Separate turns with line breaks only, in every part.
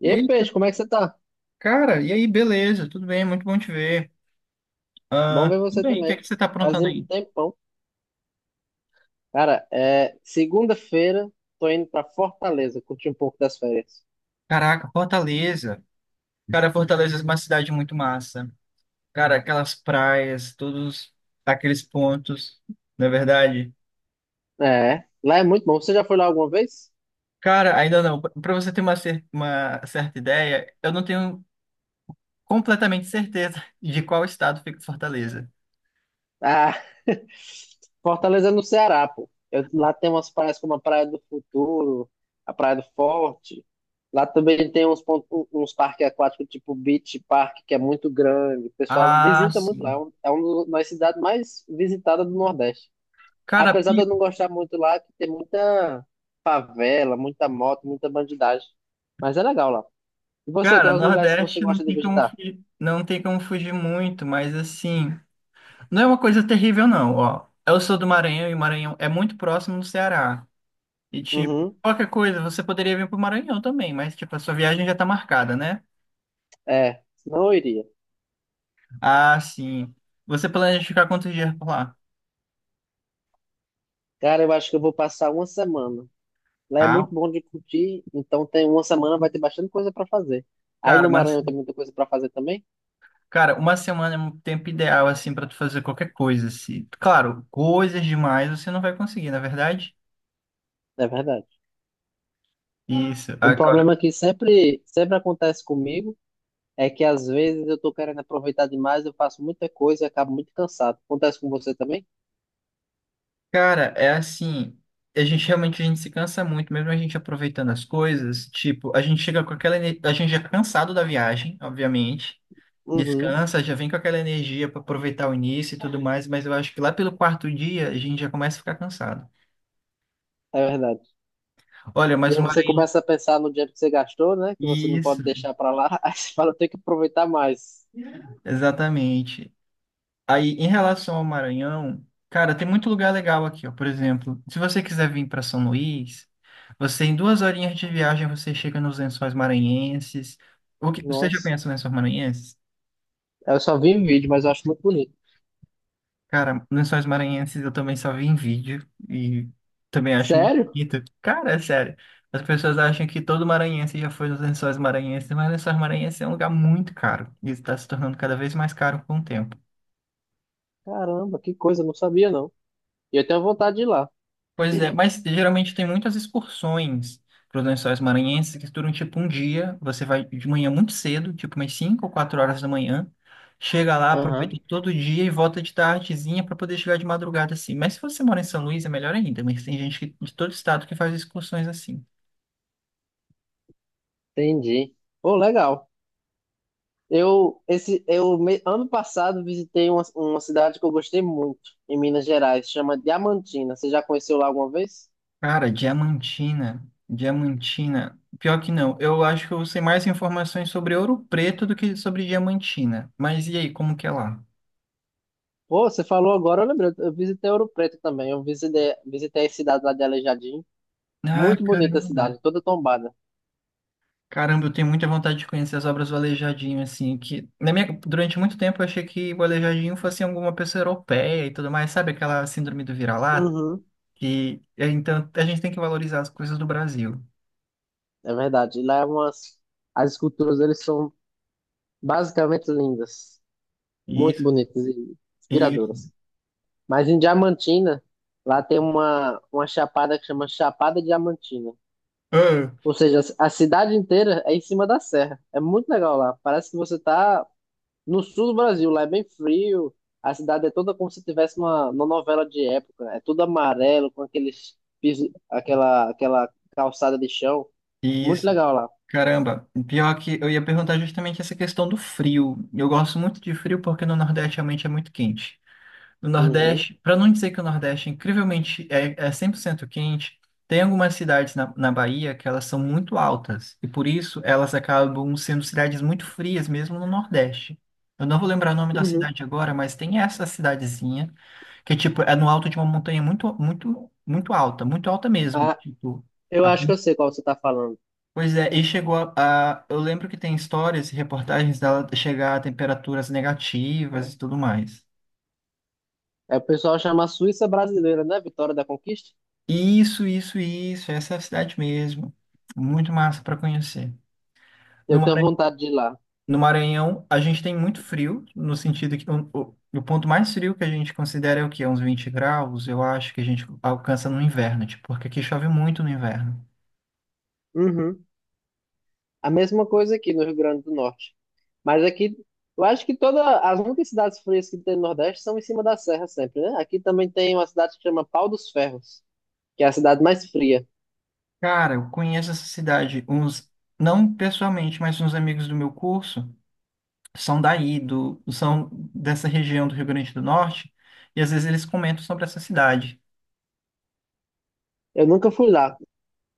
E
E
aí,
aí,
Peixe, como é que você tá?
cara, e aí, beleza, tudo bem, muito bom te ver.
Bom
Ah,
ver
tudo
você
bem, o que é
também.
que você tá
Faz
aprontando
um
aí?
tempão. Cara, é segunda-feira, tô indo pra Fortaleza, curtir um pouco das férias.
Caraca, Fortaleza. Cara, Fortaleza é uma cidade muito massa. Cara, aquelas praias, todos aqueles pontos, não é verdade?
É, lá é muito bom. Você já foi lá alguma vez?
Cara, ainda não, para você ter uma certa ideia, eu não tenho completamente certeza de qual estado fica Fortaleza.
Ah, Fortaleza é no Ceará, pô. Lá tem umas praias como a Praia do Futuro, a Praia do Forte. Lá também tem uns, pontos, uns parques aquáticos, tipo Beach Park, que é muito grande. O pessoal
Ah,
visita muito lá.
sim.
É uma das cidades mais visitadas do Nordeste.
Cara,
Apesar de eu
pi-
não gostar muito lá, que tem muita favela, muita moto, muita bandidagem. Mas é legal lá. E você,
cara,
quais os lugares que você
Nordeste não
gosta de
tem como
visitar?
fugir, não tem como fugir muito, mas assim. Não é uma coisa terrível, não, ó. Eu sou do Maranhão e o Maranhão é muito próximo do Ceará. E, tipo,
Uhum.
qualquer coisa, você poderia vir pro Maranhão também, mas, tipo, a sua viagem já tá marcada, né?
É, não iria.
Ah, sim. Você planeja ficar quantos dias por lá?
Cara, eu acho que eu vou passar uma semana. Lá é muito
Ah,
bom de curtir, então tem uma semana vai ter bastante coisa para fazer. Aí
cara,
no
mas,
Maranhão tem muita coisa para fazer também,
cara, uma semana é um tempo ideal, assim, pra tu fazer qualquer coisa, assim. Claro, coisas demais você não vai conseguir, na é verdade?
é verdade.
Isso.
Um problema que sempre acontece comigo é que às vezes eu tô querendo aproveitar demais, eu faço muita coisa e acabo muito cansado. Acontece com você também?
Cara, é assim, a gente realmente a gente se cansa muito, mesmo a gente aproveitando as coisas, tipo, a gente chega, a gente já é cansado da viagem, obviamente,
Uhum.
descansa, já vem com aquela energia para aproveitar o início e tudo mais, mas eu acho que lá pelo quarto dia a gente já começa a ficar cansado.
É verdade.
Olha,
E
mas
aí
o
você
Maranhão,
começa a pensar no dinheiro que você gastou, né? Que você não
isso,
pode deixar pra lá. Aí você fala, tem que aproveitar mais.
exatamente. Aí, em relação ao Maranhão, cara, tem muito lugar legal aqui, ó. Por exemplo, se você quiser vir para São Luís, você em duas horinhas de viagem você chega nos Lençóis Maranhenses. O que, você já
Nossa,
conhece os Lençóis Maranhenses?
eu só vi em vídeo, mas eu acho muito bonito.
Cara, Lençóis Maranhenses eu também só vi em vídeo e também acho muito
Sério?
bonito. Cara, é sério. As pessoas acham que todo maranhense já foi nos Lençóis Maranhenses, mas Lençóis Maranhenses é um lugar muito caro e está se tornando cada vez mais caro com o tempo.
Caramba, que coisa, eu não sabia não. E eu tenho vontade de ir lá.
Pois é, mas geralmente tem muitas excursões para os Lençóis Maranhenses que duram tipo um dia. Você vai de manhã muito cedo, tipo umas 5 ou 4 horas da manhã, chega lá, aproveita
Aham,
todo o dia e volta de tardezinha para poder chegar de madrugada assim. Mas se você mora em São Luís é melhor ainda, mas tem gente de todo estado que faz excursões assim.
entendi. Pô, legal. Eu, esse, eu me- Ano passado visitei uma cidade que eu gostei muito, em Minas Gerais, chama Diamantina. Você já conheceu lá alguma vez?
Cara, Diamantina, Diamantina. Pior que não, eu acho que eu sei mais informações sobre Ouro Preto do que sobre Diamantina. Mas e aí, como que é lá?
Pô, você falou agora, eu lembrei. Eu visitei Ouro Preto também. Eu visitei a cidade lá de Aleijadinho.
Ah,
Muito bonita a
caramba.
cidade, toda tombada.
Caramba, eu tenho muita vontade de conhecer as obras do Aleijadinho, assim, que na minha, durante muito tempo eu achei que o Aleijadinho fosse alguma pessoa europeia e tudo mais, sabe aquela síndrome do vira-lata?
Uhum,
Que é, então a gente tem que valorizar as coisas do Brasil.
é verdade. Lá é umas. As esculturas, eles são basicamente lindas. Muito
Isso,
bonitas e
isso,
inspiradoras. Mas em Diamantina, lá tem uma chapada que chama Chapada Diamantina.
ah,
Ou seja, a cidade inteira é em cima da serra. É muito legal lá. Parece que você tá no sul do Brasil. Lá é bem frio. A cidade é toda como se tivesse uma novela de época. É tudo amarelo, com aqueles piso, aquela calçada de chão. Muito
isso.
legal lá.
Caramba, pior que eu ia perguntar justamente essa questão do frio. Eu gosto muito de frio porque no Nordeste realmente é muito quente. Do
Uhum.
Nordeste, para não dizer que o Nordeste é incrivelmente é 100% quente, tem algumas cidades na Bahia que elas são muito altas e por isso elas acabam sendo cidades muito frias mesmo no Nordeste. Eu não vou lembrar o nome da
Uhum.
cidade agora, mas tem essa cidadezinha que tipo é no alto de uma montanha muito muito muito alta mesmo,
Ah,
tipo
eu
a
acho que
pon-
eu sei qual você está falando.
Pois é, e chegou Eu lembro que tem histórias e reportagens dela chegar a temperaturas negativas e tudo mais.
É, o pessoal chama Suíça brasileira, né? Vitória da Conquista.
Isso, isso, isso. Essa é a cidade mesmo. Muito massa para conhecer. No
Eu tenho
Maranhão,
vontade de ir lá.
a gente tem muito frio, no sentido que o ponto mais frio que a gente considera é o quê? Uns 20 graus, eu acho que a gente alcança no inverno, tipo, porque aqui chove muito no inverno.
Uhum. A mesma coisa aqui no Rio Grande do Norte. Mas aqui, eu acho que todas as muitas cidades frias que tem no Nordeste são em cima da serra sempre, né? Aqui também tem uma cidade que chama Pau dos Ferros, que é a cidade mais fria.
Cara, eu conheço essa cidade, uns, não pessoalmente, mas uns amigos do meu curso são daí, são dessa região do Rio Grande do Norte, e às vezes eles comentam sobre essa cidade.
Eu nunca fui lá.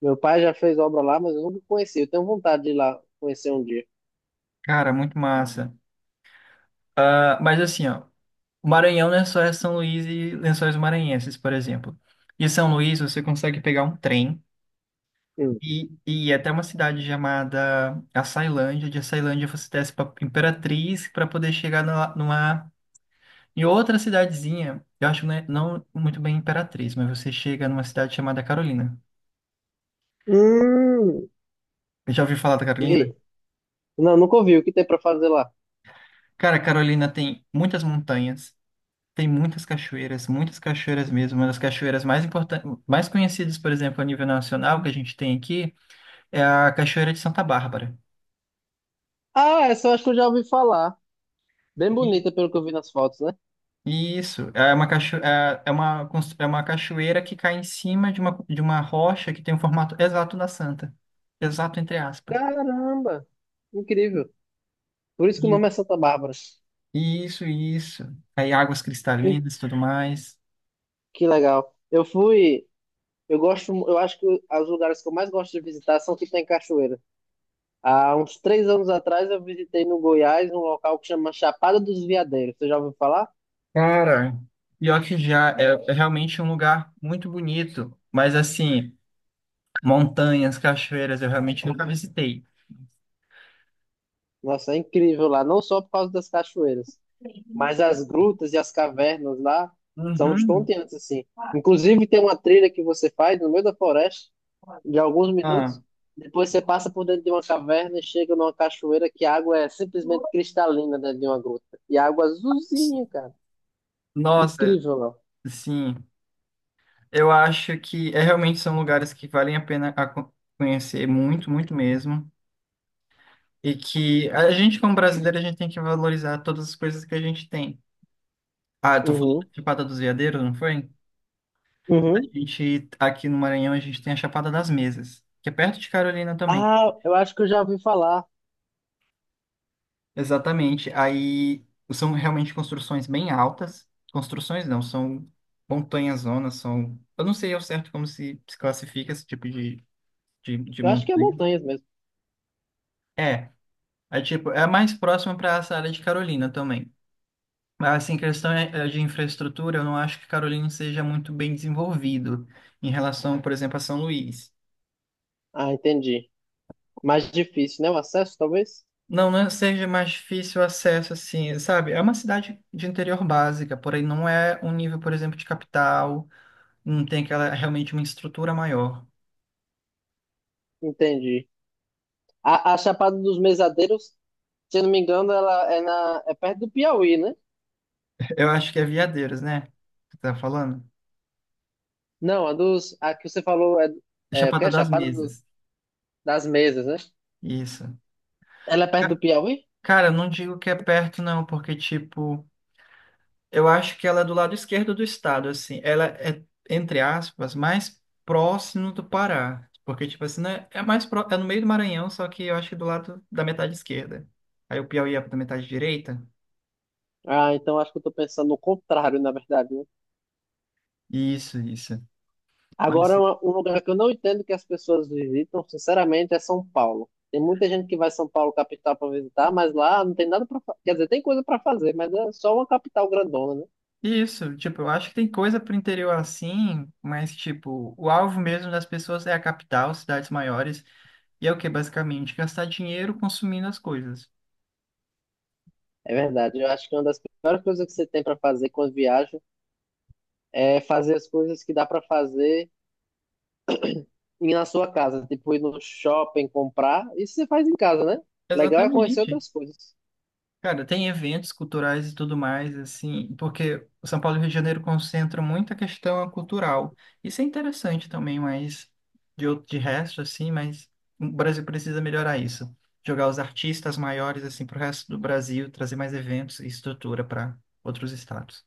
Meu pai já fez obra lá, mas eu nunca conheci. Eu tenho vontade de ir lá conhecer um dia.
Cara, muito massa. Ah, mas assim, ó. O Maranhão não é só é São Luís e Lençóis Maranhenses, por exemplo. De São Luís, você consegue pegar um trem
Hum.
e ir até uma cidade chamada Açailândia. De Açailândia, você desce para Imperatriz para poder chegar em outra cidadezinha. Eu acho, né, não muito bem Imperatriz, mas você chega numa cidade chamada Carolina.
Hum.
Já ouviu falar da
E
Carolina?
aí? Não, nunca ouvi. O que tem pra fazer lá?
Cara, Carolina tem muitas montanhas, tem muitas cachoeiras mesmo. Uma das cachoeiras mais importantes, mais conhecidas, por exemplo, a nível nacional que a gente tem aqui É a Cachoeira de Santa Bárbara.
Ah, essa eu acho que eu já ouvi falar. Bem
E-
bonita, pelo que eu vi nas fotos, né?
Isso, é uma, cacho... é é uma, cons- é uma cachoeira que cai em cima de uma, rocha que tem o formato exato da Santa. Exato, entre aspas.
Caramba! Incrível. Por isso que o
E-
nome é Santa Bárbara.
Isso, isso. Aí águas
Hum,
cristalinas e tudo mais.
Que legal. Eu fui. Eu gosto. Eu acho que os lugares que eu mais gosto de visitar são que tem cachoeira. Há uns 3 anos atrás eu visitei no Goiás um local que chama Chapada dos Veadeiros. Você já ouviu falar?
Cara, pior que já é realmente um lugar muito bonito. Mas assim, montanhas, cachoeiras, eu realmente nunca visitei.
Nossa, é incrível lá. Não só por causa das cachoeiras. Mas as grutas e as cavernas lá são
Uhum.
estonteantes, assim. Inclusive, tem uma trilha que você faz no meio da floresta, de alguns minutos.
Ah,
Depois você passa por dentro de uma caverna e chega numa cachoeira que a água é simplesmente cristalina dentro de uma gruta. E a água azulzinha, cara.
nossa,
Incrível, não?
sim. Eu acho que é, realmente são lugares que valem a pena a conhecer muito, muito mesmo. E que a gente, como brasileiro, a gente tem que valorizar todas as coisas que a gente tem. Ah, eu tô falando da
Uhum,
Chapada dos Veadeiros, não foi? A
uhum.
gente, aqui no Maranhão, a gente tem a Chapada das Mesas, que é perto de Carolina também.
Ah, eu acho que eu já ouvi falar.
Exatamente. Aí são realmente construções bem altas. Construções não, são montanhas zonas, são. Eu não sei ao certo como se classifica esse tipo de
Eu acho que é
montanha.
montanhas mesmo.
É. É tipo, é mais próximo para essa área de Carolina também. Mas assim, questão é de infraestrutura, eu não acho que Carolina seja muito bem desenvolvido em relação, por exemplo, a São Luís.
Ah, entendi. Mais difícil, né? O acesso, talvez?
Não, não seja mais difícil o acesso, assim, sabe? É uma cidade de interior básica, porém não é um nível, por exemplo, de capital, não tem aquela realmente uma estrutura maior.
Entendi. A Chapada dos Mesadeiros, se eu não me engano, ela é perto do Piauí, né?
Eu acho que é Veadeiros, né? Que tá falando?
Não, a que você falou é,
É
é o que
Chapada
é
das
Chapada
Mesas.
das Mesas, né?
Isso.
Ela é perto do
Ca-
Piauí?
Cara, eu não digo que é perto, não, porque, tipo. Eu acho que ela é do lado esquerdo do estado, assim. Ela é, entre aspas, mais próximo do Pará. Porque, tipo assim, né? É no meio do Maranhão, só que eu acho que do lado da metade esquerda. Aí o Piauí é da metade direita.
Ah, então acho que eu tô pensando no contrário, na verdade, né?
Isso, isso. Mas
Agora, um lugar que eu não entendo que as pessoas visitam, sinceramente, é São Paulo. Tem muita gente que vai a São Paulo, capital, para visitar, mas lá não tem nada para fazer. Quer dizer, tem coisa para fazer, mas é só uma capital grandona, né?
isso, tipo, eu acho que tem coisa pro interior assim, mas tipo, o alvo mesmo das pessoas é a capital, cidades maiores, e é o que basicamente gastar dinheiro consumindo as coisas.
É verdade. Eu acho que uma das piores coisas que você tem para fazer quando viaja é fazer as coisas que dá para fazer ir na sua casa, tipo ir no shopping comprar, isso você faz em casa, né? Legal é conhecer
Exatamente.
outras coisas.
Cara, tem eventos culturais e tudo mais, assim, porque o São Paulo e o Rio de Janeiro concentram muito a questão cultural. Isso é interessante também, mas de resto, assim, mas o Brasil precisa melhorar isso. Jogar os artistas maiores, assim, para o resto do Brasil, trazer mais eventos e estrutura para outros estados.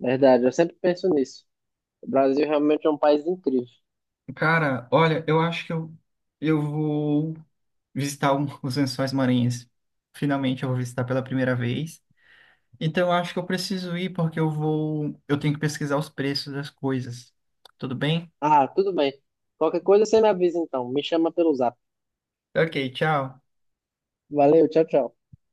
Verdade, eu sempre penso nisso. O Brasil realmente é um país incrível.
Cara, olha, eu acho que eu vou visitar os Lençóis Maranhenses. Finalmente, eu vou visitar pela primeira vez. Então, eu acho que eu preciso ir porque eu vou. Eu tenho que pesquisar os preços das coisas. Tudo bem?
Ah, tudo bem. Qualquer coisa você me avisa então. Me chama pelo zap.
Ok, tchau.
Valeu, tchau, tchau.